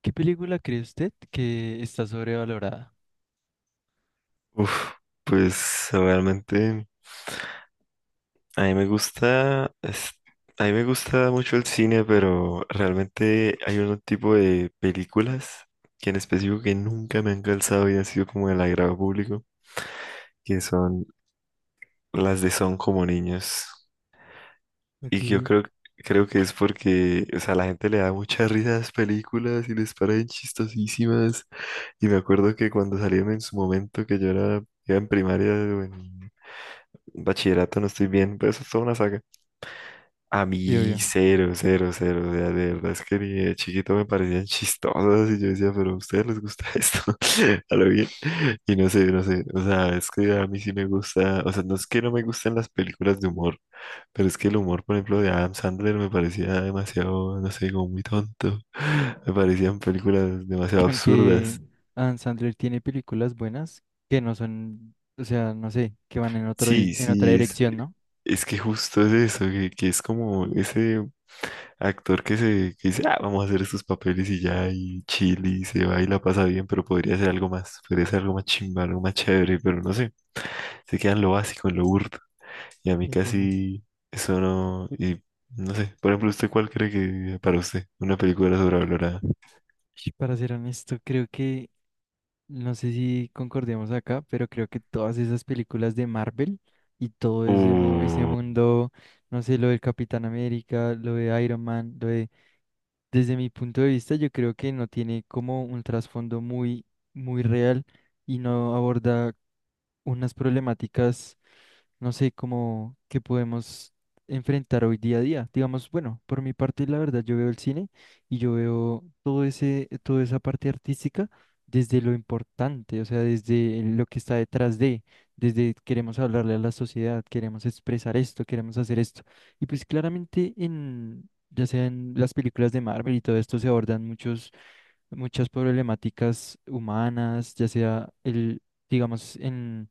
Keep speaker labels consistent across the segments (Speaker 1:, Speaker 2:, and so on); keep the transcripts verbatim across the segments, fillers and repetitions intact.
Speaker 1: ¿Qué película cree usted que está sobrevalorada?
Speaker 2: Uf, pues realmente a mí me gusta, es- a mí me gusta mucho el cine, pero realmente hay un tipo de películas que en específico que nunca me han calzado y han sido como el agrado público, que son las de Son como niños. Y
Speaker 1: Ok.
Speaker 2: que yo creo, creo que es porque, o sea, la gente le da mucha risa a las películas y les parecen chistosísimas. Y me acuerdo que cuando salieron en su momento, que yo era, iba en primaria o en bachillerato, no estoy bien, pero eso es toda una saga. A
Speaker 1: Sí,
Speaker 2: mí
Speaker 1: obvio.
Speaker 2: cero, cero, cero, o sea, de verdad es que ni de chiquito me parecían chistosas y yo decía, pero a ustedes les gusta esto, a lo bien, y no sé, no sé, o sea, es que a mí sí me gusta, o sea, no es que no me gusten las películas de humor, pero es que el humor, por ejemplo, de Adam Sandler me parecía demasiado, no sé, como muy tonto, me parecían películas demasiado
Speaker 1: Aunque
Speaker 2: absurdas.
Speaker 1: Adam Sandler tiene películas buenas que no son, o sea, no sé, que van en otro, dis-
Speaker 2: Sí,
Speaker 1: en otra
Speaker 2: sí, es,
Speaker 1: dirección, ¿no?
Speaker 2: Es que justo es eso, que, que es como ese actor que se que dice, ah, vamos a hacer estos papeles y ya, y chill, y se va y la pasa bien, pero podría ser algo más, podría ser algo más chimba, algo más chévere, pero no sé, se queda en lo básico, en lo burdo. Y a mí
Speaker 1: Sí, entiendo.
Speaker 2: casi eso no, y no sé, por ejemplo, ¿usted cuál cree que para usted una película sobrevalorada?
Speaker 1: Y Para ser honesto, creo que, no sé si concordemos acá, pero creo que todas esas películas de Marvel y todo ese, mu- ese
Speaker 2: Uh,
Speaker 1: mundo, no sé, lo del Capitán América, lo de Iron Man, lo de... Desde mi punto de vista, yo creo que no tiene como un trasfondo muy, muy real y no aborda unas problemáticas, no sé cómo que podemos enfrentar hoy día a día. Digamos, bueno, por mi parte, la verdad, yo veo el cine y yo veo todo ese, toda esa parte artística desde lo importante, o sea, desde lo que está detrás de, desde queremos hablarle a la sociedad, queremos expresar esto, queremos hacer esto. Y pues claramente en, ya sea en las películas de Marvel y todo esto se abordan muchos muchas problemáticas humanas, ya sea el, digamos, en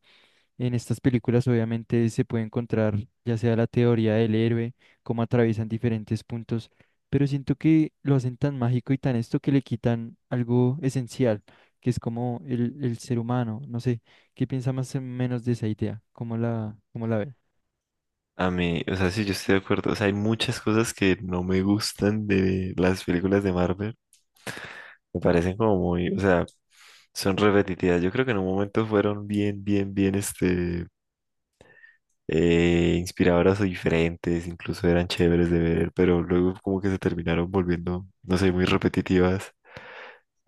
Speaker 1: en estas películas obviamente se puede encontrar ya sea la teoría del héroe, cómo atraviesan diferentes puntos, pero siento que lo hacen tan mágico y tan esto que le quitan algo esencial, que es como el, el ser humano. No sé, ¿qué piensa más o menos de esa idea? ¿Cómo la, cómo la ve?
Speaker 2: a mí, o sea, sí, yo estoy de acuerdo, o sea, hay muchas cosas que no me gustan de las películas de Marvel. Me parecen como muy, o sea, son repetitivas. Yo creo que en un momento fueron bien, bien, bien, este, eh, inspiradoras o diferentes, incluso eran chéveres de ver, pero luego como que se terminaron volviendo, no sé, muy repetitivas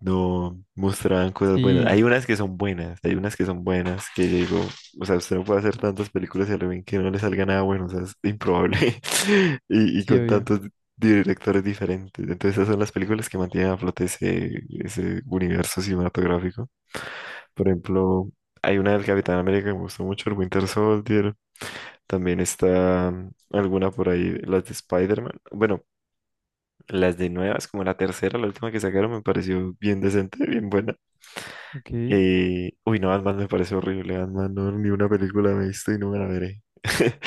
Speaker 2: no mostraban cosas buenas.
Speaker 1: Sí,
Speaker 2: Hay unas que son buenas, hay unas que son buenas que yo digo, o sea, usted no puede hacer tantas películas y al ven que no le salga nada bueno, o sea, es improbable. Y, y
Speaker 1: sí,
Speaker 2: con
Speaker 1: obvio.
Speaker 2: tantos directores diferentes. Entonces, esas son las películas que mantienen a flote ese, ese universo cinematográfico. Por ejemplo, hay una del Capitán América que me gustó mucho, el Winter Soldier. También está mm, alguna por ahí, las de Spider-Man. Bueno, las de nuevas, como la tercera, la última que sacaron, me pareció bien decente, bien buena.
Speaker 1: Ok.
Speaker 2: Eh, uy, no, Ant-Man me parece horrible. Ant-Man, no, ni una película me he visto y no me la veré.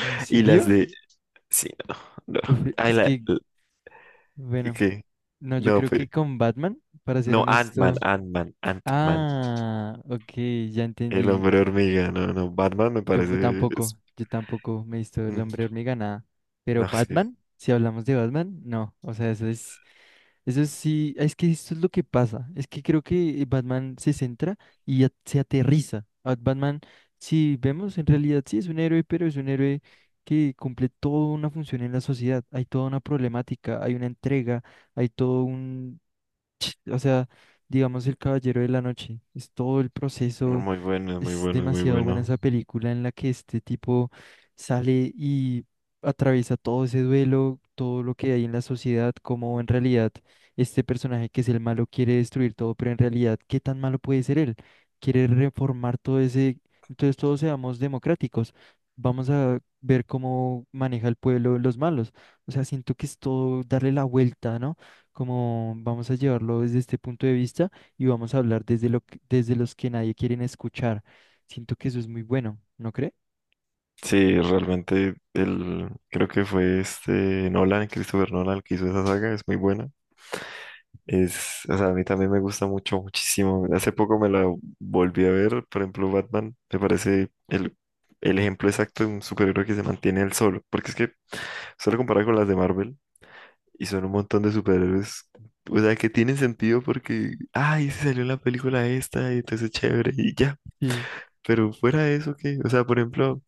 Speaker 1: ¿En
Speaker 2: Y las
Speaker 1: serio?
Speaker 2: de. Sí, no, no.
Speaker 1: Uf,
Speaker 2: Ay,
Speaker 1: es
Speaker 2: la.
Speaker 1: que,
Speaker 2: la-
Speaker 1: bueno,
Speaker 2: ¿Qué?
Speaker 1: no, yo
Speaker 2: No,
Speaker 1: creo
Speaker 2: pe-
Speaker 1: que con Batman, para ser
Speaker 2: no, Ant-Man,
Speaker 1: honesto.
Speaker 2: Ant-Man, Ant-Man.
Speaker 1: Ah, ok, ya
Speaker 2: El
Speaker 1: entendí.
Speaker 2: hombre hormiga, no, no. Batman me
Speaker 1: Yo
Speaker 2: parece. Es-
Speaker 1: tampoco, yo tampoco me he visto el
Speaker 2: mm,
Speaker 1: hombre hormiga, nada. Pero
Speaker 2: No, es que.
Speaker 1: Batman, si hablamos de Batman, no. O sea, eso es, eso sí, es que esto es lo que pasa. Es que creo que Batman se centra y a- se aterriza. A Batman, si vemos, en realidad sí es un héroe, pero es un héroe que cumple toda una función en la sociedad. Hay toda una problemática, hay una entrega, hay todo un... O sea, digamos el Caballero de la Noche. Es todo el
Speaker 2: No,
Speaker 1: proceso,
Speaker 2: Muy bueno, muy
Speaker 1: es
Speaker 2: bueno, muy
Speaker 1: demasiado buena
Speaker 2: bueno.
Speaker 1: esa película en la que este tipo sale y atraviesa todo ese duelo, todo lo que hay en la sociedad, como en realidad este personaje que es el malo quiere destruir todo, pero en realidad, ¿qué tan malo puede ser él? Quiere reformar todo ese... Entonces todos seamos democráticos. Vamos a ver cómo maneja el pueblo los malos. O sea, siento que es todo darle la vuelta, ¿no? Como vamos a llevarlo desde este punto de vista y vamos a hablar desde lo que- desde los que nadie quieren escuchar. Siento que eso es muy bueno, ¿no cree?
Speaker 2: Sí, realmente, el, creo que fue este Nolan, Christopher Nolan, el que hizo esa saga, es muy buena. Es, o sea, a mí también me gusta mucho, muchísimo. Hace poco me la volví a ver, por ejemplo, Batman me parece el, el ejemplo exacto de un superhéroe que se mantiene él solo, porque es que solo comparar con las de Marvel y son un montón de superhéroes, o sea, que tienen sentido porque, ay, se salió en la película esta y entonces chévere y ya.
Speaker 1: Sí,
Speaker 2: Pero fuera de eso, ¿qué? O sea, por ejemplo,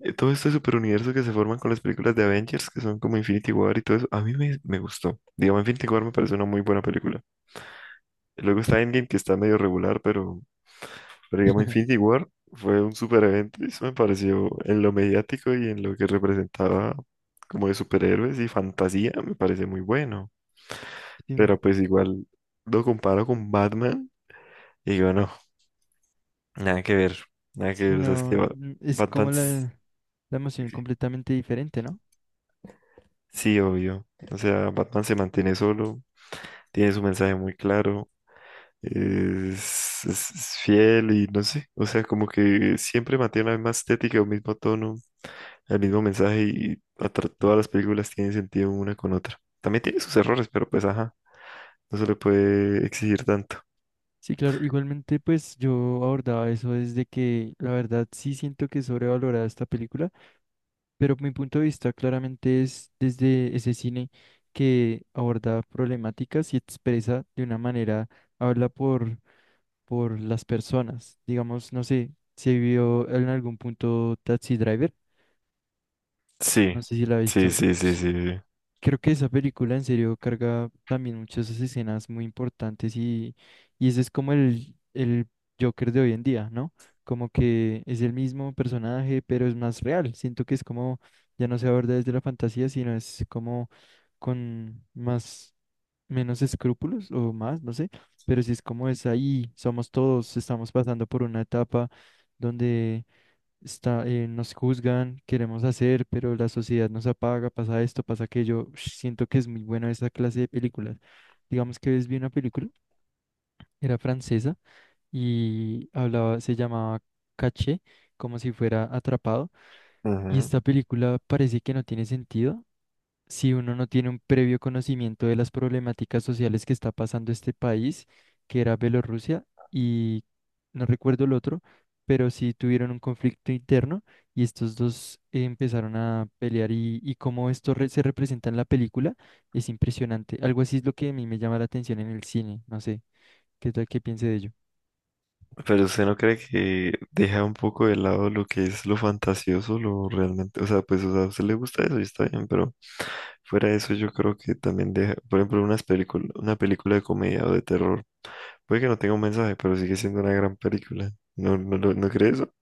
Speaker 2: eh, todo este superuniverso que se forman con las películas de Avengers, que son como Infinity War y todo eso, a mí me, me gustó. Digamos, Infinity War me parece una muy buena película. Luego está Endgame, que está medio regular, pero, pero digamos Infinity War fue un super evento y eso me pareció en lo mediático y en lo que representaba como de superhéroes y fantasía, me parece muy bueno.
Speaker 1: sí.
Speaker 2: Pero pues igual lo comparo con Batman y digo, no, nada que ver, nada que
Speaker 1: Sí,
Speaker 2: ver, o sea, es
Speaker 1: no,
Speaker 2: que Ba-
Speaker 1: n- es
Speaker 2: Batman,
Speaker 1: como
Speaker 2: s-
Speaker 1: la, la emoción completamente diferente, ¿no?
Speaker 2: sí, obvio, o sea, Batman se mantiene solo, tiene su mensaje muy claro. Es, es- es fiel y no sé, o sea, como que siempre mantiene la misma estética o mismo tono el mismo mensaje y atra- todas las películas tienen sentido una con otra. También tiene sus errores, pero pues ajá, no se le puede exigir tanto.
Speaker 1: Sí, claro, igualmente pues yo abordaba eso desde que la verdad sí siento que es sobrevalorada esta película, pero mi punto de vista claramente es desde ese cine que aborda problemáticas y expresa de una manera, habla por, por las personas. Digamos, no sé, se vio en algún punto Taxi Driver,
Speaker 2: Sí,
Speaker 1: no sé si la ha
Speaker 2: sí,
Speaker 1: visto.
Speaker 2: sí, sí, sí. sí.
Speaker 1: Creo que esa película en serio carga también muchas escenas muy importantes y, y ese es como el, el Joker de hoy en día, ¿no? Como que es el mismo personaje, pero es más real. Siento que es como, ya no se aborda desde la fantasía, sino es como con más, menos escrúpulos o más, no sé. Pero sí es como es ahí, somos todos, estamos pasando por una etapa donde está, eh, nos juzgan, queremos hacer, pero la sociedad nos apaga, pasa esto, pasa aquello. Ush, siento que es muy buena esa clase de películas. Digamos que ves vi una película, era francesa y hablaba, se llamaba Caché, como si fuera atrapado. Y
Speaker 2: Ujú.
Speaker 1: esta película parece que no tiene sentido, si uno no tiene un previo conocimiento de las problemáticas sociales que está pasando este país, que era Bielorrusia, y no recuerdo el otro, pero sí tuvieron un conflicto interno y estos dos eh, empezaron a pelear y, y cómo esto re- se representa en la película es impresionante. Algo así es lo que a mí me llama la atención en el cine, no sé, ¿qué tal que piense de ello?
Speaker 2: Pero usted no cree que deja un poco de lado lo que es lo fantasioso, lo realmente, o sea, pues, o sea, a usted le gusta eso y está bien, pero fuera de eso yo creo que también deja, por ejemplo, unas películas, una película de comedia o de terror, puede que no tenga un mensaje, pero sigue siendo una gran película. ¿No, no, lo- no cree eso?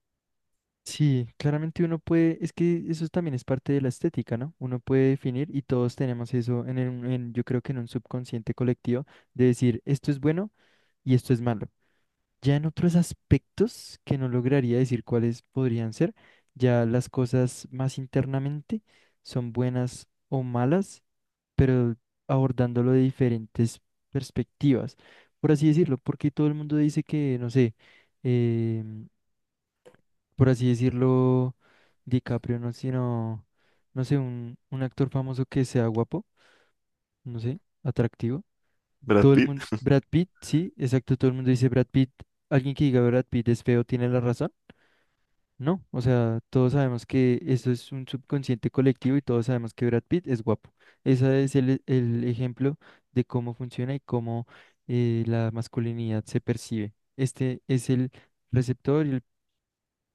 Speaker 1: Sí, claramente uno puede, es que eso también es parte de la estética, ¿no? Uno puede definir y todos tenemos eso en, el- en- yo creo que en un subconsciente colectivo de decir esto es bueno y esto es malo. Ya en otros aspectos que no lograría decir cuáles podrían ser, ya las cosas más internamente son buenas o malas, pero abordándolo de diferentes perspectivas, por así decirlo, porque todo el mundo dice que, no sé, em, por así decirlo, DiCaprio, no, sino, no sé, un, un actor famoso que sea guapo, no sé, atractivo.
Speaker 2: Brad
Speaker 1: Todo el
Speaker 2: Pitt.
Speaker 1: mundo, Brad Pitt, sí, exacto, todo el mundo dice Brad Pitt. Alguien que diga Brad Pitt es feo tiene la razón. No, o sea, todos sabemos que eso es un subconsciente colectivo y todos sabemos que Brad Pitt es guapo. Ese es el, el ejemplo de cómo funciona y cómo eh, la masculinidad se percibe. Este es el receptor y el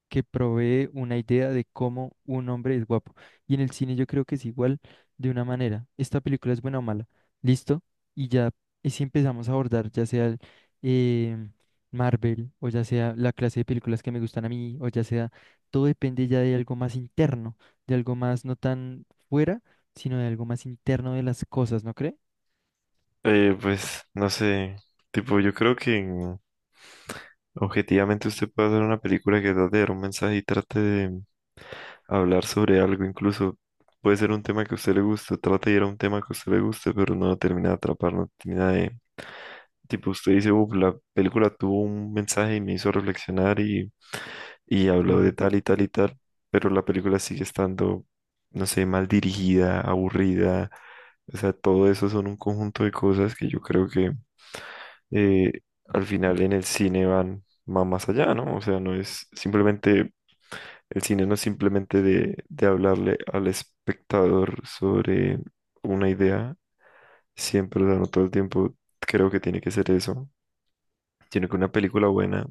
Speaker 1: que provee una idea de cómo un hombre es guapo. Y en el cine yo creo que es igual de una manera. Esta película es buena o mala. Listo. Y ya, y si empezamos a abordar, ya sea el, eh, Marvel, o ya sea la clase de películas que me gustan a mí, o ya sea, todo depende ya de algo más interno, de algo más no tan fuera, sino de algo más interno de las cosas, ¿no cree?
Speaker 2: Eh, pues no sé, tipo yo creo que mm, objetivamente usted puede hacer una película que trate de dar un mensaje y trate de hablar sobre algo, incluso puede ser un tema que a usted le guste, trate de ir a un tema que a usted le guste, pero no lo termina de atrapar, no termina de... Tipo usted dice, uff, la película tuvo un mensaje y me hizo reflexionar y, y habló de
Speaker 1: Sí,
Speaker 2: tal y tal y tal, pero la película sigue estando, no sé, mal dirigida, aburrida, o sea, todo eso son un conjunto de cosas que yo creo que eh, al final en el cine van, va más allá, ¿no? O sea, no es simplemente, el cine no es simplemente de, de hablarle al espectador sobre una idea, siempre, o sea, no todo el tiempo creo que tiene que ser eso, sino que una película buena,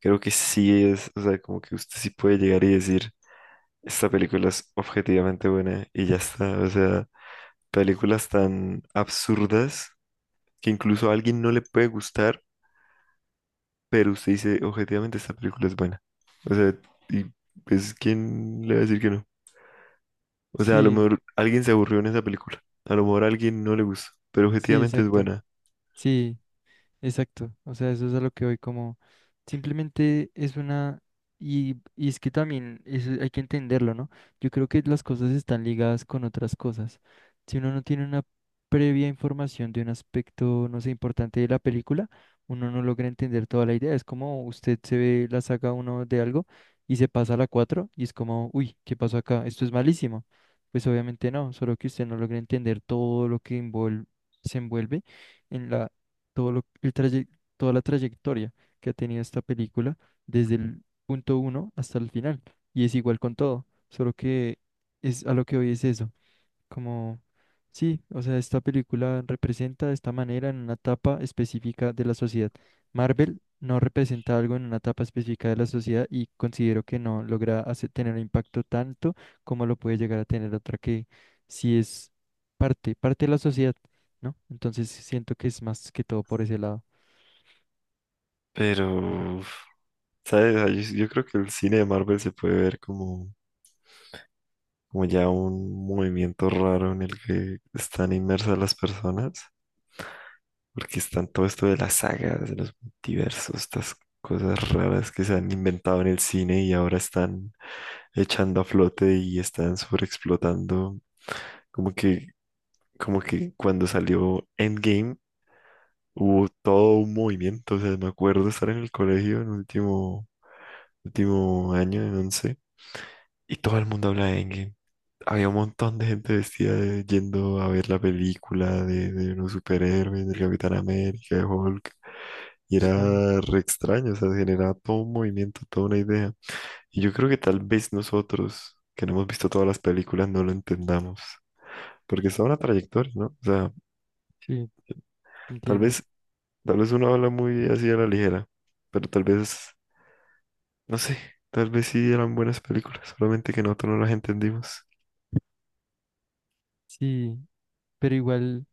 Speaker 2: creo que sí es, o sea, como que usted sí puede llegar y decir, esta película es objetivamente buena y ya está, o sea, películas tan absurdas que incluso a alguien no le puede gustar. Pero usted dice, objetivamente, esta película es buena. O sea, y pues, ¿quién le va a decir que no? O sea, a lo
Speaker 1: sí,
Speaker 2: mejor alguien se aburrió en esa película. A lo mejor a alguien no le gustó. Pero
Speaker 1: sí,
Speaker 2: objetivamente es
Speaker 1: exacto.
Speaker 2: buena.
Speaker 1: Sí. Exacto, o sea, eso es a lo que voy como simplemente es una y, y es que también eso hay que entenderlo, ¿no? Yo creo que las cosas están ligadas con otras cosas. Si uno no tiene una previa información de un aspecto, no sé, importante de la película, uno no logra entender toda la idea. Es como usted se ve la saga uno de algo y se pasa a la cuatro y es como, uy, ¿qué pasó acá? Esto es malísimo. Pues obviamente no, solo que usted no logra entender todo lo que envuel- se envuelve en la todo lo- el traye- toda la trayectoria que ha tenido esta película desde el punto uno hasta el final. Y es igual con todo, solo que es a lo que hoy es eso. Como, sí, o sea, esta película representa de esta manera en una etapa específica de la sociedad. Marvel no representa algo en una etapa específica de la sociedad y considero que no logra hace- tener un impacto tanto como lo puede llegar a tener otra que sí es parte, parte de la sociedad, ¿no? Entonces siento que es más que todo por ese lado.
Speaker 2: Pero, uf, ¿sabes? Ah, Yo, yo creo que el cine de Marvel se puede ver como, como ya un movimiento raro en el que están inmersas las personas. Porque están todo esto de las sagas, de los multiversos, estas cosas raras que se han inventado en el cine y ahora están echando a flote y están sobreexplotando. Como que, como que cuando salió Endgame hubo todo un movimiento. O sea, me acuerdo estar en el colegio en último, último año, en once, y todo el mundo habla de Endgame. Había un montón de gente vestida de- yendo a ver la película de, de los superhéroes, del Capitán América, de Hulk. Y
Speaker 1: Sí.
Speaker 2: era re extraño, o sea, generaba todo un movimiento, toda una idea. Y yo creo que tal vez nosotros, que no hemos visto todas las películas, no lo entendamos. Porque está una trayectoria, ¿no? O sea,
Speaker 1: Sí,
Speaker 2: tal
Speaker 1: entiendo.
Speaker 2: vez, tal vez uno habla muy así a la ligera, pero tal vez, no sé, tal vez sí eran buenas películas, solamente que nosotros no las entendimos.
Speaker 1: Sí, pero igual.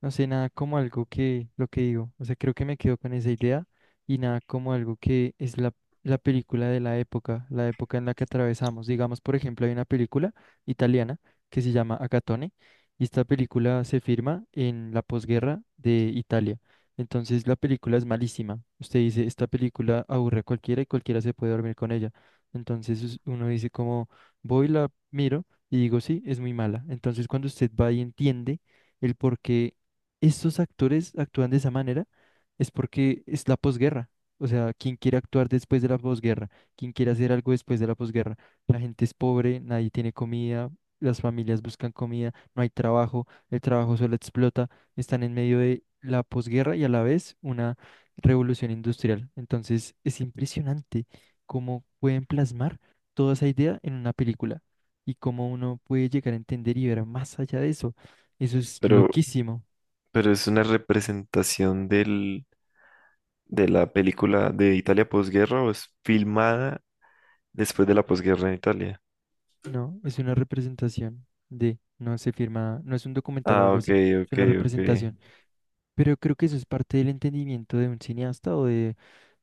Speaker 1: No sé, nada como algo que lo que digo. O sea, creo que me quedo con esa idea y nada como algo que es la, la película de la época, la época en la que atravesamos. Digamos, por ejemplo, hay una película italiana que se llama Acatone y esta película se firma en la posguerra de Italia. Entonces, la película es malísima. Usted dice, esta película aburre a cualquiera y cualquiera se puede dormir con ella. Entonces, us- uno dice como, voy, la miro y digo, sí, es muy mala. Entonces, cuando usted va y entiende el por qué estos actores actúan de esa manera es porque es la posguerra. O sea, ¿quién quiere actuar después de la posguerra? ¿Quién quiere hacer algo después de la posguerra? La gente es pobre, nadie tiene comida, las familias buscan comida, no hay trabajo, el trabajo solo explota, están en medio de la posguerra y a la vez una revolución industrial. Entonces, es impresionante cómo pueden plasmar toda esa idea en una película y cómo uno puede llegar a entender y ver más allá de eso. Eso es
Speaker 2: Pero,
Speaker 1: loquísimo.
Speaker 2: pero es una representación del, de la película de Italia posguerra o es filmada después de la posguerra en Italia.
Speaker 1: No, es una representación de, no se firma, no es un documental o
Speaker 2: Ah,
Speaker 1: algo
Speaker 2: ok,
Speaker 1: así, es
Speaker 2: ok,
Speaker 1: una
Speaker 2: ok.
Speaker 1: representación. Pero creo que eso es parte del entendimiento de un cineasta o de,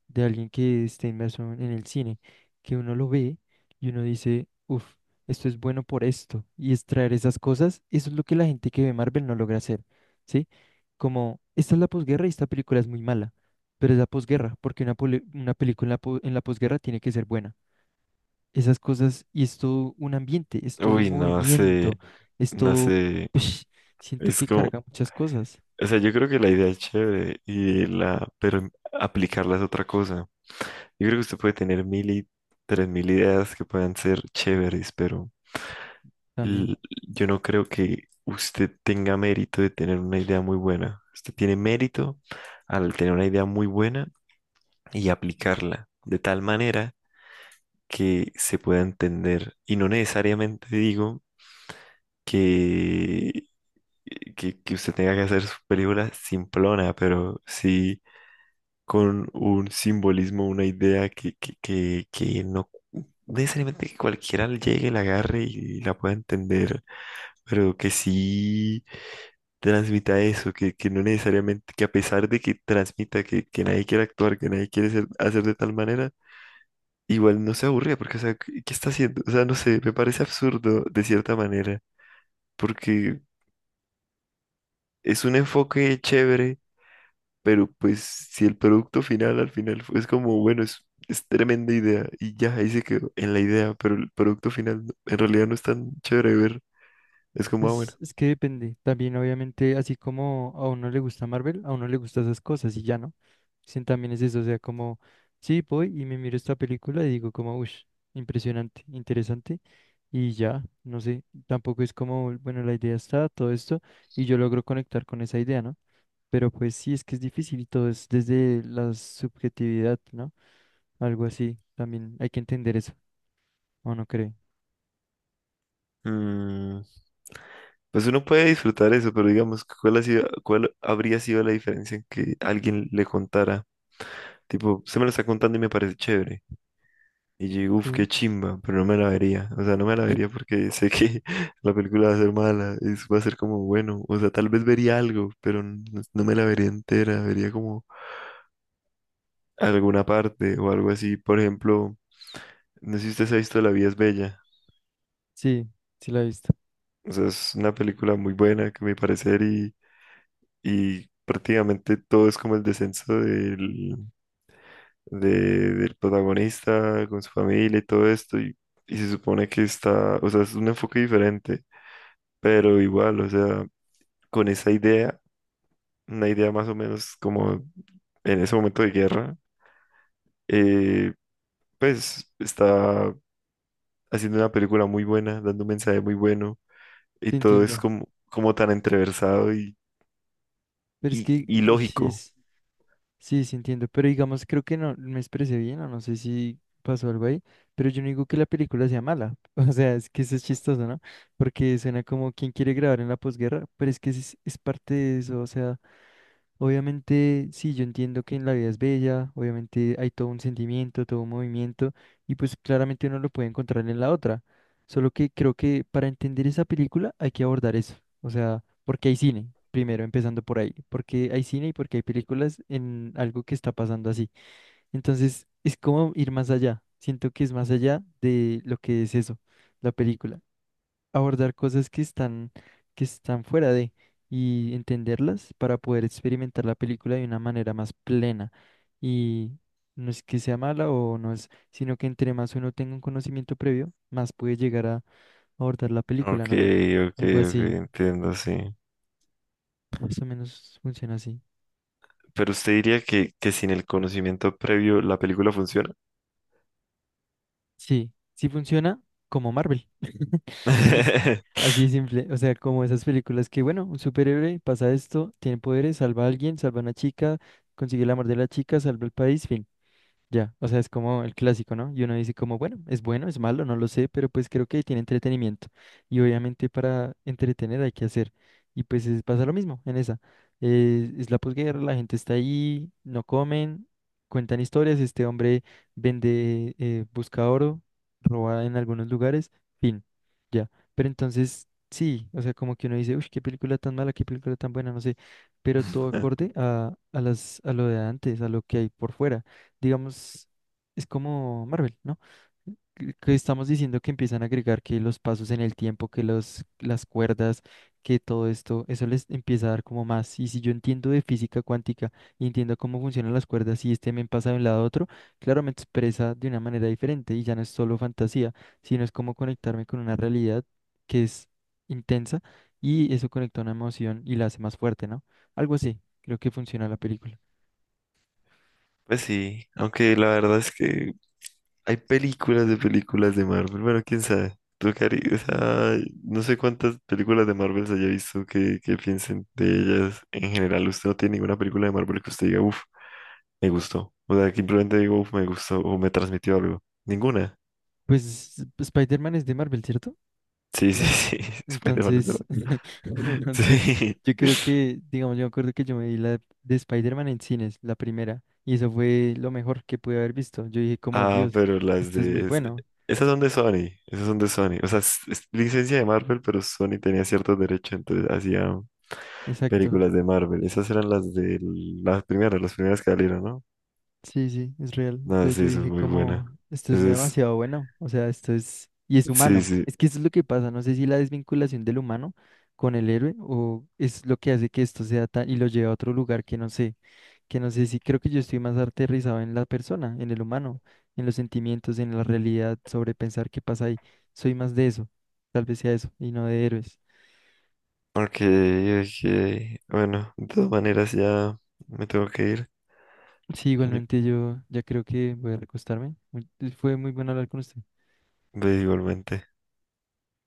Speaker 1: de alguien que esté inmerso en el cine, que uno lo ve y uno dice, uff, esto es bueno por esto, y extraer esas cosas, eso es lo que la gente que ve Marvel no logra hacer, ¿sí? Como, esta es la posguerra y esta película es muy mala, pero es la posguerra, porque una, poli- una película en la po- en la posguerra tiene que ser buena, esas cosas, y es todo un ambiente, es todo un
Speaker 2: Uy, no
Speaker 1: movimiento,
Speaker 2: sé,
Speaker 1: es
Speaker 2: no
Speaker 1: todo,
Speaker 2: sé,
Speaker 1: ush, siento
Speaker 2: es
Speaker 1: que
Speaker 2: como,
Speaker 1: carga muchas cosas
Speaker 2: o sea, yo creo que la idea es chévere y la, pero aplicarla es otra cosa. Yo creo que usted puede tener mil y tres mil ideas que puedan ser chéveres, pero
Speaker 1: también.
Speaker 2: l- yo no creo que usted tenga mérito de tener una idea muy buena. Usted tiene mérito al tener una idea muy buena y aplicarla de tal manera que se pueda entender. Y no necesariamente digo que, que, que usted tenga que hacer su película simplona, pero sí con un simbolismo, una idea que, que, que, que no no necesariamente que cualquiera le llegue, la agarre y la pueda entender, pero que sí transmita eso, que, que no necesariamente, que a pesar de que transmita que, que nadie quiere actuar, que nadie quiere ser- hacer de tal manera, igual no se aburre, porque, o sea, ¿qué, ¿qué está haciendo? O sea, no sé, me parece absurdo de cierta manera, porque es un enfoque chévere, pero pues si el producto final al final es como, bueno, es... Es tremenda idea y ya ahí se quedó en la idea, pero el producto final en realidad no es tan chévere de ver. Es como, ah, bueno.
Speaker 1: Pues es que depende. También obviamente, así como a uno le gusta Marvel, a uno le gustan esas cosas y ya no. Sí, también es eso, o sea, como, sí, voy y me miro esta película y digo como, uff, impresionante, interesante. Y ya, no sé, tampoco es como, bueno, la idea está, todo esto, y yo logro conectar con esa idea, ¿no? Pero pues sí, es que es difícil y todo es desde la subjetividad, ¿no? Algo así, también hay que entender eso, ¿o no cree?
Speaker 2: Mm, pues uno puede disfrutar eso, pero digamos, ¿cuál ha sido, ¿cuál habría sido la diferencia en que alguien le contara? Tipo, se me lo está contando y me parece chévere. Y yo digo, uff, qué
Speaker 1: Sí,
Speaker 2: chimba, pero no me la vería. O sea, no me la vería porque sé que la película va a ser mala, es, va a ser como bueno. O sea, tal vez vería algo, pero n- no me la vería entera, vería como alguna parte o algo así. Por ejemplo, no sé si usted se ha visto La vida es bella.
Speaker 1: sí, sí la he visto,
Speaker 2: O sea, es una película muy buena, que me parece y y prácticamente todo es como el descenso del, de- del protagonista con su familia y todo esto, y, y se supone que está, o sea, es un enfoque diferente, pero igual, o sea, con esa idea, una idea más o menos como en ese momento de guerra, eh, pues está haciendo una película muy buena, dando un mensaje muy bueno, y
Speaker 1: te
Speaker 2: todo es
Speaker 1: entiendo.
Speaker 2: como, como tan entreversado y,
Speaker 1: Pero es
Speaker 2: y,
Speaker 1: que
Speaker 2: y
Speaker 1: eh, sí,
Speaker 2: lógico.
Speaker 1: es, sí, sí entiendo, pero digamos, creo que no me expresé bien o no sé si pasó algo ahí, pero yo no digo que la película sea mala, o sea, es que eso es chistoso, ¿no? Porque suena como quien quiere grabar en la posguerra, pero es que es, es parte de eso, o sea... Obviamente, sí, yo entiendo que en la vida es bella, obviamente hay todo un sentimiento, todo un movimiento, y pues claramente uno lo puede encontrar en la otra. Solo que creo que para entender esa película hay que abordar eso. O sea, porque hay cine, primero empezando por ahí, porque hay cine y porque hay películas en algo que está pasando así. Entonces, es como ir más allá. Siento que es más allá de lo que es eso, la película abordar cosas que están, que están fuera de y entenderlas para poder experimentar la película de una manera más plena. Y no es que sea mala o no es, sino que entre más uno tenga un conocimiento previo, más puede llegar a abordar la película,
Speaker 2: Ok,
Speaker 1: ¿no?
Speaker 2: ok,
Speaker 1: Algo
Speaker 2: ok,
Speaker 1: así,
Speaker 2: entiendo, sí.
Speaker 1: más o menos funciona así.
Speaker 2: Pero usted diría que, que sin el conocimiento previo la película funciona.
Speaker 1: Sí, sí funciona como Marvel. Así así de simple, o sea, como esas películas que, bueno, un superhéroe pasa esto, tiene poderes, salva a alguien, salva a una chica, consigue el amor de la chica, salva el país, fin. Ya, o sea, es como el clásico, ¿no? Y uno dice como, bueno, es bueno, es malo, no lo sé, pero pues creo que tiene entretenimiento. Y obviamente para entretener hay que hacer. Y pues es- pasa lo mismo en esa. Eh, es la posguerra, la gente está ahí, no comen, cuentan historias, este hombre vende, eh, busca oro, roba en algunos lugares, fin, ya. Pero entonces, sí, o sea, como que uno dice, uff, qué película tan mala, qué película tan buena, no sé, pero todo acorde a, a las, a lo de antes, a lo que hay por fuera digamos, es como Marvel, ¿no? Que que estamos diciendo que empiezan a agregar que los pasos en el tiempo, que los, las cuerdas, que todo esto, eso les empieza a dar como más. Y si yo entiendo de física cuántica y entiendo cómo funcionan las cuerdas y este me pasa de un lado a otro, claro, me expresa de una manera diferente y ya no es solo fantasía, sino es como conectarme con una realidad que es intensa y eso conecta una emoción y la hace más fuerte, ¿no? Algo así, creo que funciona la película.
Speaker 2: Pues sí, aunque la verdad es que hay películas de películas de Marvel. Bueno, quién sabe. Tú, Cari, o sea, no sé cuántas películas de Marvel se haya visto que, que piensen de ellas. En general, usted no tiene ninguna película de Marvel que usted diga, uff, me gustó. O sea, que simplemente digo, uff, me gustó o me transmitió algo. Ninguna.
Speaker 1: Pues Spider-Man es de Marvel, ¿cierto?
Speaker 2: Sí, sí,
Speaker 1: Claro.
Speaker 2: sí. Spider-Man es de-
Speaker 1: Entonces, entonces,
Speaker 2: Sí.
Speaker 1: yo creo que, digamos, yo me acuerdo que yo me vi la de Spider-Man en cines, la primera, y eso fue lo mejor que pude haber visto. Yo dije como,
Speaker 2: Ah,
Speaker 1: Dios,
Speaker 2: pero las
Speaker 1: esto es muy
Speaker 2: de... es-
Speaker 1: bueno.
Speaker 2: Esas son de Sony, esas son de Sony. O sea, es, es licencia de Marvel, pero Sony tenía ciertos derechos, entonces hacían
Speaker 1: Exacto.
Speaker 2: películas de Marvel. Esas eran las de las primeras, las primeras que salieron, ¿no?
Speaker 1: Sí, sí, es real.
Speaker 2: No,
Speaker 1: Entonces
Speaker 2: sí,
Speaker 1: yo
Speaker 2: eso es
Speaker 1: dije
Speaker 2: muy buena.
Speaker 1: como, esto es
Speaker 2: Eso es...
Speaker 1: demasiado bueno. O sea, esto es, y es
Speaker 2: Sí,
Speaker 1: humano.
Speaker 2: sí.
Speaker 1: Es que eso es lo que pasa. No sé si la desvinculación del humano con el héroe o es lo que hace que esto sea tan, y lo lleve a otro lugar que no sé. Que no sé si creo que yo estoy más aterrizado en la persona, en el humano, en los sentimientos, en la realidad, sobre pensar qué pasa ahí. Soy más de eso, tal vez sea eso, y no de héroes.
Speaker 2: Ok, ok. Bueno, de todas maneras ya me tengo que ir.
Speaker 1: Sí,
Speaker 2: Yo-
Speaker 1: igualmente yo ya creo que voy a recostarme. Muy- Fue muy bueno hablar con usted.
Speaker 2: ve igualmente.